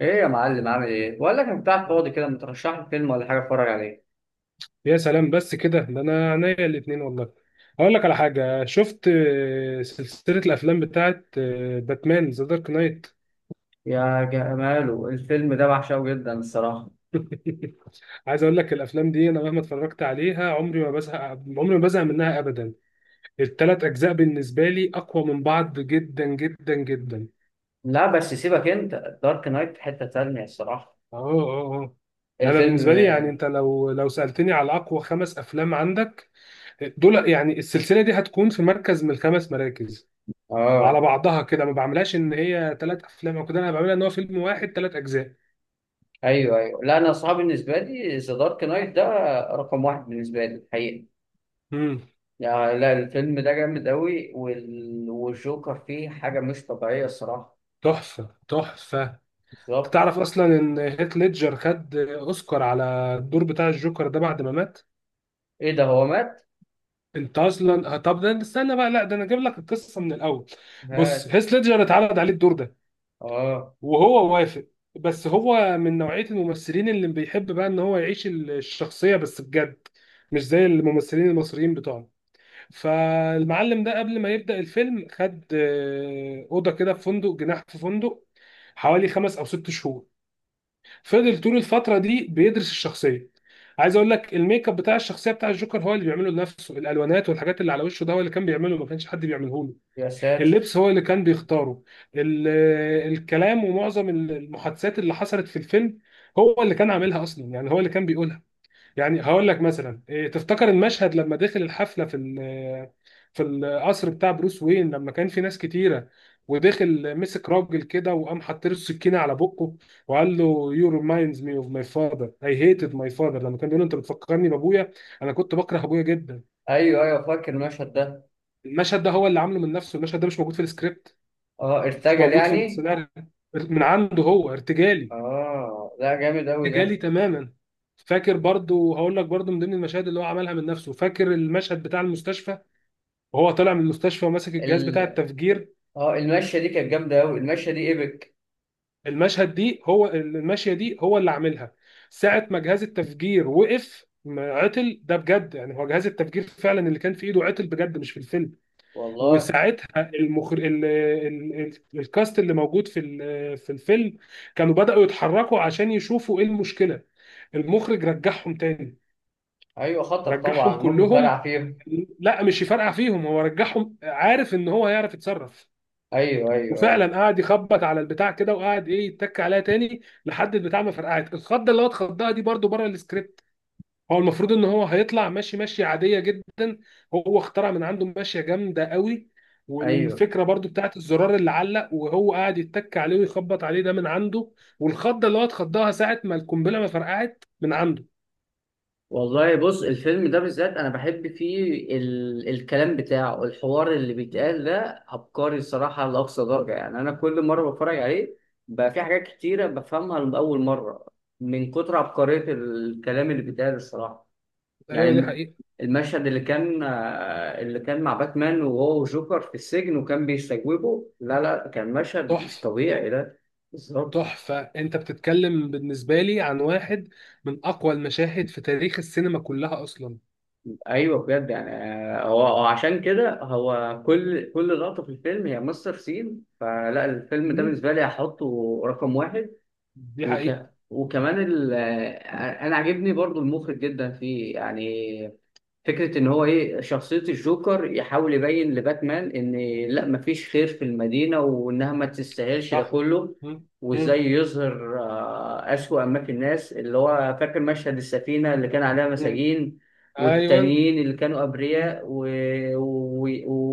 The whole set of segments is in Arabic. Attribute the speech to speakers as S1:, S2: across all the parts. S1: ايه يا معلم، عامل ايه؟ بقول لك انت قاعد فاضي كده، ما ترشح لي فيلم ولا حاجه اتفرج عليه.
S2: يا سلام بس كده، ده انا عينيا الاتنين والله. اقول لك على حاجه، شفت سلسله الافلام بتاعت باتمان ذا دارك نايت.
S1: يا جماله الفيلم ده، بعشقه جدا الصراحه.
S2: عايز اقول لك، الافلام دي انا مهما اتفرجت عليها عمري ما بزهق، عمري ما بزهق منها ابدا. الثلاث اجزاء بالنسبه لي اقوى من بعض جدا جدا جدا.
S1: لا بس سيبك انت. دارك نايت في حته تانية الصراحه
S2: اه اه اه. انا
S1: الفيلم.
S2: بالنسبه لي يعني، انت لو سالتني على اقوى خمس افلام عندك، دول يعني السلسله دي هتكون في مركز من الخمس مراكز. على
S1: اه.
S2: بعضها كده، ما بعملهاش ان هي ثلاث افلام او كده، انا بعملها ان هو فيلم واحد ثلاث اجزاء.
S1: ايوه ايوه، لا انا صعب بالنسبه لي ذا دارك نايت ده رقم واحد بالنسبه لي الحقيقه.
S2: امم.
S1: يعني لا، الفيلم ده جامد قوي، والجوكر فيه حاجه مش طبيعيه الصراحه.
S2: تحفه تحفه.
S1: بالظبط.
S2: تعرف اصلا ان هيث ليدجر خد اوسكار على الدور بتاع الجوكر ده بعد ما مات؟
S1: ايه ده هو مات؟
S2: انت اصلا طب ده، استنى بقى، لا ده انا اجيب لك القصه من الاول. بص،
S1: هات.
S2: هيث ليدجر اتعرض عليه الدور ده،
S1: اه.
S2: وهو وافق. بس هو من نوعيه الممثلين اللي بيحب بقى ان هو يعيش الشخصيه بس بجد، مش زي الممثلين المصريين بتوعنا. فالمعلم ده قبل ما يبدأ الفيلم خد أوضة كده في فندق، جناح في فندق، حوالي خمس أو ست شهور. فضل طول الفترة دي بيدرس الشخصية. عايز أقول لك، الميك اب بتاع الشخصية بتاع الجوكر هو اللي بيعمله لنفسه، الألوانات والحاجات اللي على وشه ده هو اللي كان بيعمله، ما كانش حد بيعمله له.
S1: يا ساتر.
S2: اللبس هو اللي كان بيختاره. الكلام ومعظم المحادثات اللي حصلت في الفيلم هو اللي كان عاملها أصلا، يعني هو اللي كان بيقولها. يعني هقول لك مثلا، إيه تفتكر المشهد لما دخل الحفله في القصر بتاع بروس وين، لما كان في ناس كتيره، ودخل مسك راجل كده وقام حاطط له السكينه على بقه، وقال له: يو ريمايندز مي اوف ماي فاذر، اي هيتد ماي فاذر. لما كان بيقول له انت بتفكرني بابويا، انا كنت بكره ابويا جدا؟
S1: ايوه ايوه فاكر المشهد ده.
S2: المشهد ده هو اللي عامله من نفسه، المشهد ده مش موجود في السكريبت،
S1: اه،
S2: مش
S1: ارتجل
S2: موجود في
S1: يعني.
S2: السيناريو. من عنده، هو ارتجالي،
S1: اه لا، جامد قوي
S2: ارتجالي
S1: ده.
S2: تماما. فاكر برضو، هقول لك برضو من ضمن المشاهد اللي هو عملها من نفسه، فاكر المشهد بتاع المستشفى، وهو طالع من المستشفى وماسك الجهاز
S1: ال...
S2: بتاع التفجير؟
S1: اه، المشيه دي كانت جامده قوي، المشيه دي ايبك.
S2: المشهد دي هو، الماشيه دي هو اللي عاملها. ساعه ما جهاز التفجير وقف، ما عطل ده بجد، يعني هو جهاز التفجير فعلا اللي كان في ايده عطل بجد، مش في الفيلم.
S1: والله.
S2: وساعتها المخر... ال... ال... ال... الكاست اللي موجود في الفيلم كانوا بدأوا يتحركوا عشان يشوفوا ايه المشكله، المخرج رجعهم تاني،
S1: ايوه خطر
S2: رجعهم
S1: طبعا، ممكن
S2: كلهم.
S1: فرع فيهم.
S2: لا مش يفرقع فيهم، هو رجعهم عارف ان هو هيعرف يتصرف.
S1: ايوه ايوه
S2: وفعلا
S1: ايوه.
S2: قعد يخبط على البتاع كده، وقعد ايه يتك عليها تاني لحد البتاع ما فرقعت. الخضه اللي هو اتخضها دي برضو بره السكريبت. هو المفروض ان هو هيطلع ماشي ماشيه عاديه جدا، هو اخترع من عنده ماشيه جامده قوي.
S1: ايوه
S2: والفكره برضو بتاعت الزرار اللي علق، وهو قاعد يتك عليه ويخبط عليه، ده من عنده. والخضه اللي هو اتخضها ساعه ما القنبله ما فرقعت من عنده.
S1: والله، بص الفيلم ده بالذات انا بحب فيه. الكلام بتاعه، الحوار اللي بيتقال ده عبقري الصراحه لاقصى درجه. يعني انا كل مره بتفرج عليه بقى في حاجات كتيره بفهمها لاول مره، من كتر عبقريه الكلام اللي بيتقال الصراحه. يعني
S2: ايوه، دي حقيقه.
S1: المشهد اللي كان، اللي كان مع باتمان، وهو وجوكر في السجن وكان بيستجوبه، لا لا كان مشهد مش
S2: تحفه
S1: طبيعي ده. بالظبط.
S2: تحفه. انت بتتكلم بالنسبه لي عن واحد من اقوى المشاهد في تاريخ السينما كلها اصلا.
S1: ايوه بجد يعني. هو عشان كده، هو كل لقطه في الفيلم هي ماستر سين، فلا الفيلم ده بالنسبه لي هحطه رقم واحد.
S2: دي
S1: وك
S2: حقيقة.
S1: وكمان، انا عاجبني برضو المخرج جدا فيه يعني. فكرة إن هو إيه، شخصية الجوكر يحاول يبين لباتمان إن، لأ مفيش خير في المدينة وإنها ما تستاهلش ده
S2: صح.
S1: كله.
S2: مم. مم.
S1: وإزاي يظهر أسوأ ما في الناس، اللي هو فاكر مشهد السفينة اللي كان عليها
S2: مم.
S1: مساجين،
S2: ايوه.
S1: والتانيين اللي كانوا أبرياء
S2: مم.
S1: و...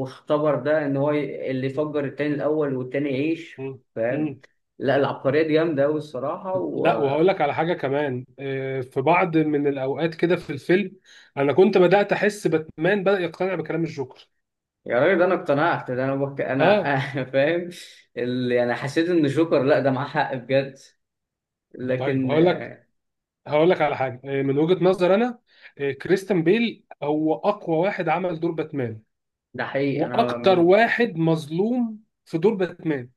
S1: واختبر ده إن هو اللي يفجر التاني الأول والتاني يعيش.
S2: مم.
S1: فاهم؟
S2: مم.
S1: لأ العبقرية دي جامدة أوي الصراحة.
S2: لا، وهقول لك على حاجة كمان، في بعض من الأوقات كده في الفيلم أنا كنت بدأت أحس باتمان بدأ يقتنع بكلام الجوكر.
S1: يا راجل ده انا اقتنعت، ده انا
S2: آه.
S1: فاهم. اللي انا حسيت ان جوكر، لا ده معاه حق بجد،
S2: طيب
S1: لكن
S2: هقول لك هقول لك على حاجة، من وجهة نظر أنا، كريستيان بيل هو أقوى واحد عمل دور باتمان،
S1: ده حقيقي انا.
S2: وأكتر واحد مظلوم في دور باتمان.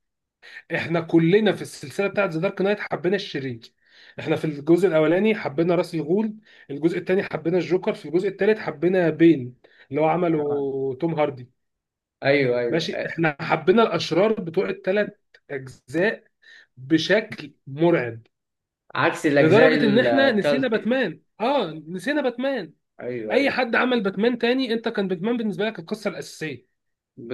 S2: احنا كلنا في السلسله بتاعت ذا دارك نايت حبينا الشرير. احنا في الجزء الاولاني حبينا راس الغول، الجزء الثاني حبينا الجوكر، في الجزء الثالث حبينا بين، اللي هو عمله توم هاردي.
S1: ايوه ايوه.
S2: ماشي، احنا حبينا الاشرار بتوع الثلاث اجزاء بشكل مرعب،
S1: عكس الاجزاء
S2: لدرجه ان احنا نسينا
S1: الثالثه.
S2: باتمان. اه، نسينا باتمان.
S1: ايوه
S2: اي
S1: ايوه.
S2: حد عمل باتمان تاني، انت كان باتمان بالنسبه لك القصه الاساسيه،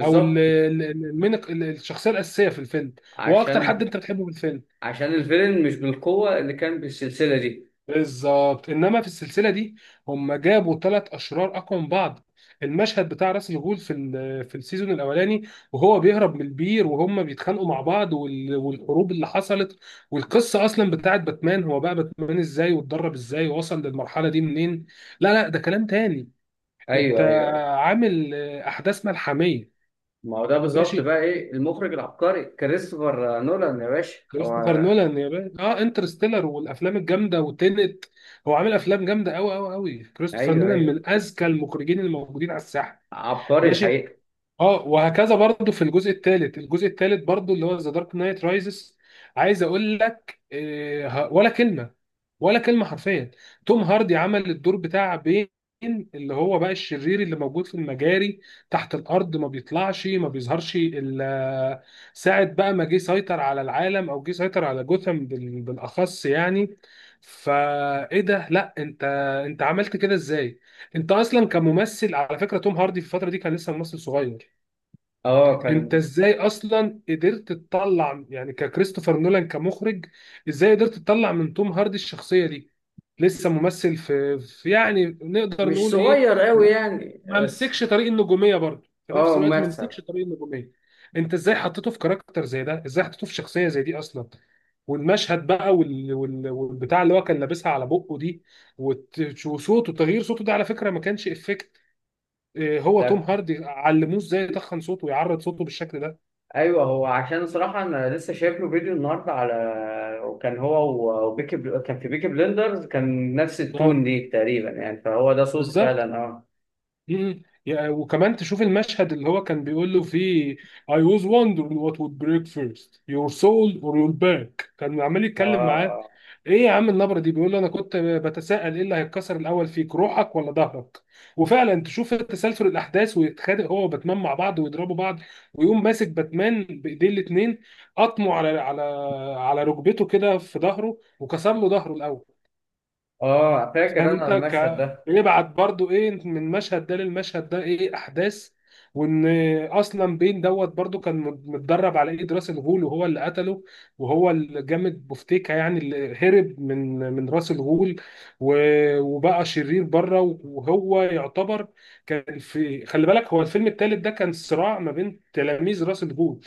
S2: او ال- ال- ال- المين- ال- الشخصيه الاساسيه في الفيلم، واكتر حد
S1: عشان.
S2: انت بتحبه في الفيلم.
S1: الفيلم مش بالقوه اللي كان بالسلسله دي.
S2: بالظبط، انما في السلسله دي هم جابوا ثلاث اشرار اقوى من بعض. المشهد بتاع راس الغول في السيزون الاولاني، وهو بيهرب من البير، وهم بيتخانقوا مع بعض، والحروب اللي حصلت، والقصه اصلا بتاعت باتمان، هو بقى باتمان ازاي، واتدرب ازاي، ووصل للمرحله دي منين. لا لا، ده كلام تاني. انت
S1: ايوه ايوه ايوه.
S2: عامل احداث ملحميه.
S1: ما هو ده بالظبط
S2: ماشي.
S1: بقى، ايه المخرج العبقري كريستوفر نولان يا باشا
S2: كريستوفر
S1: هو.
S2: نولان يا باشا، اه، انترستيلر والافلام الجامده وتينت. هو عامل افلام جامده قوي قوي قوي. كريستوفر
S1: ايوه
S2: نولان
S1: ايوه.
S2: من اذكى المخرجين الموجودين على الساحه.
S1: عبقري
S2: ماشي.
S1: الحقيقه.
S2: اه، وهكذا برضو في الجزء الثالث. الجزء الثالث برضو اللي هو ذا دارك نايت رايزز، عايز اقول لك ولا كلمه، ولا كلمه حرفيا. توم هاردي عمل الدور بتاع بين، اللي هو بقى الشرير اللي موجود في المجاري تحت الارض، ما بيطلعش ما بيظهرش الا ساعه بقى ما جه سيطر على العالم، او جه سيطر على جوثام بالاخص يعني. فايه ده؟ لا انت، انت عملت كده ازاي؟ انت اصلا كممثل، على فكره توم هاردي في الفتره دي كان لسه ممثل صغير.
S1: اه.
S2: انت
S1: كان
S2: ازاي اصلا قدرت تطلع يعني ككريستوفر نولان كمخرج، ازاي قدرت تطلع من توم هاردي الشخصيه دي؟ لسه ممثل في يعني، نقدر
S1: مش
S2: نقول ايه،
S1: صغير قوي
S2: ما
S1: يعني
S2: ما
S1: بس.
S2: مسكش طريق النجوميه برضه. في نفس
S1: اه.
S2: الوقت ما
S1: ممثل.
S2: مسكش طريق النجوميه. انت ازاي حطيته في كاركتر زي ده؟ ازاي حطيته في شخصيه زي دي اصلا؟ والمشهد بقى والبتاع اللي هو كان لابسها على بقه دي، وصوته، تغيير صوته ده على فكره ما كانش افكت. هو توم
S1: ده،
S2: هاردي علموه ازاي يتخن صوته ويعرض صوته بالشكل ده.
S1: ايوه هو. عشان صراحه انا لسه شايف له فيديو النهارده على، وكان هو، كان في بيكي بلندرز، كان نفس
S2: اه،
S1: التون دي تقريبا، يعني فهو ده صوته
S2: بالظبط.
S1: فعلا. اه
S2: مم. وكمان تشوف المشهد اللي هو كان بيقول له فيه I was wondering what would break first your soul or your back، كان عمال يتكلم معاه.
S1: اه
S2: ايه يا عم النبرة دي! بيقول له انا كنت بتساءل ايه اللي هيتكسر الاول فيك، روحك ولا ظهرك. وفعلا تشوف تسلسل الاحداث، ويتخانق هو وباتمان مع بعض ويضربوا بعض، ويقوم ماسك باتمان بايديه الاتنين، قطمه على ركبته كده في ظهره، وكسر له ظهره الاول.
S1: اه. اه، فاكر
S2: فاهم
S1: انا
S2: انت؟
S1: المشهد ده.
S2: بيبعت برضو ايه من المشهد ده للمشهد ده، ايه احداث. وان اصلا بين دوت برضو كان متدرب على ايد راس الغول، وهو اللي قتله وهو اللي جامد بوفتيكا، يعني اللي هرب من راس الغول، وبقى شرير بره. وهو يعتبر كان في، خلي بالك، هو الفيلم الثالث ده كان صراع ما بين تلاميذ راس الغول،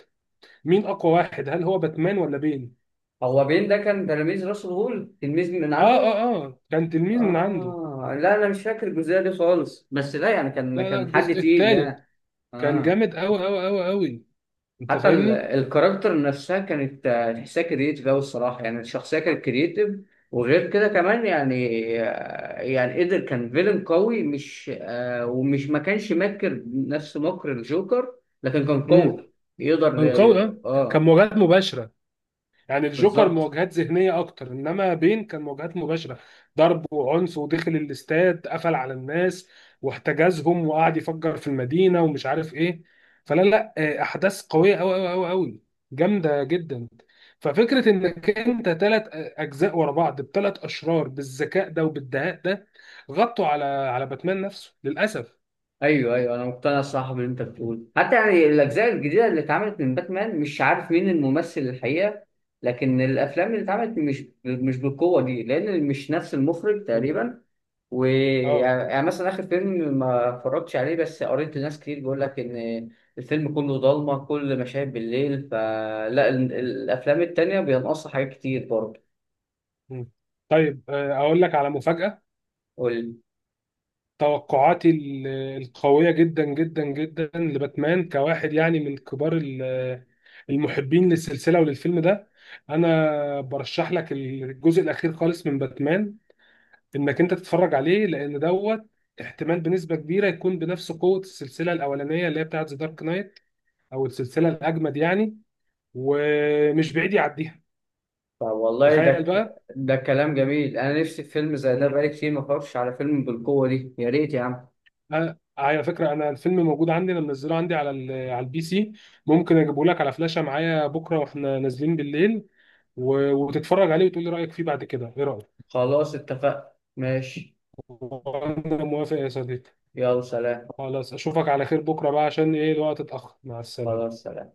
S2: مين اقوى واحد، هل هو باتمان ولا بين.
S1: هو بين ده كان تلميذ راسل هول؟ تلميذ من
S2: اه
S1: عنده؟
S2: اه اه، كان تلميذ من عنده.
S1: اه لا، انا مش فاكر الجزئيه دي خالص، بس لا يعني
S2: لا
S1: كان
S2: لا،
S1: كان حد
S2: الجزء
S1: تقيل
S2: الثالث
S1: يعني.
S2: كان
S1: اه.
S2: جامد قوي قوي قوي قوي. انت
S1: حتى
S2: فاهمني.
S1: الكاركتر نفسها كانت، تحسها كرييتيف أوي الصراحة. يعني الشخصية كانت كرييتيف، وغير كده كمان يعني، يعني قدر كان فيلن قوي، مش ومش، ما كانش ماكر نفس مكر الجوكر، لكن كان
S2: امم.
S1: قوي. يقدر.
S2: كان قوي اه.
S1: اه.
S2: كان مواجهات مباشره. يعني الجوكر
S1: بالظبط.
S2: مواجهات ذهنيه اكتر، انما بين كان مواجهات مباشره، ضرب وعنف ودخل الاستاد قفل على الناس واحتجزهم، وقعد يفجر في المدينه ومش عارف ايه. فلا لا، احداث قويه قوي قوي قوي قوي، جامده جدا. ففكره انك انت ثلاث اجزاء ورا بعض بثلاث اشرار بالذكاء ده وبالدهاء ده، غطوا على باتمان نفسه للاسف.
S1: ايوه ايوه، انا مقتنع الصراحه باللي انت بتقوله. حتى يعني الاجزاء الجديده اللي اتعملت من باتمان، مش عارف مين الممثل الحقيقه، لكن الافلام اللي اتعملت مش بالقوه دي، لان مش نفس المخرج
S2: مم.
S1: تقريبا.
S2: اه.
S1: ويعني مثلا آخر فيلم ما اتفرجتش عليه، بس قريت ناس كتير بيقول لك إن الفيلم كله ضلمة، كل مشاهد بالليل، فلا الأفلام التانية بينقصها حاجات كتير برضه.
S2: مم. طيب، اقول لك على مفاجأة.
S1: قول.
S2: توقعاتي القوية جدا جدا جدا لباتمان كواحد يعني من كبار المحبين للسلسلة وللفيلم ده، انا برشح لك الجزء الاخير خالص من باتمان، انك انت تتفرج عليه، لان دوت احتمال بنسبة كبيرة يكون بنفس قوة السلسلة الاولانية اللي هي بتاعت ذا دارك نايت، او السلسلة الاجمد يعني، ومش بعيد يعديها.
S1: والله ده
S2: تخيل بقى.
S1: ده كلام جميل. أنا نفسي في فيلم زي ده، بقالي كتير ما اتفرجتش على فيلم بالقوة دي. يا ريت يا عم.
S2: على فكرة، أنا الفيلم موجود عندي، أنا منزله عندي على PC. ممكن أجيبه لك على فلاشة معايا بكرة وإحنا نازلين بالليل، وتتفرج عليه وتقول لي رأيك فيه بعد كده. إيه رأيك؟
S1: خلاص اتفقنا ماشي.
S2: وأنا موافق يا صديقي.
S1: يلا سلام.
S2: خلاص، أشوفك على خير بكرة بقى، عشان إيه، الوقت اتأخر. مع
S1: خلاص
S2: السلامة.
S1: سلام.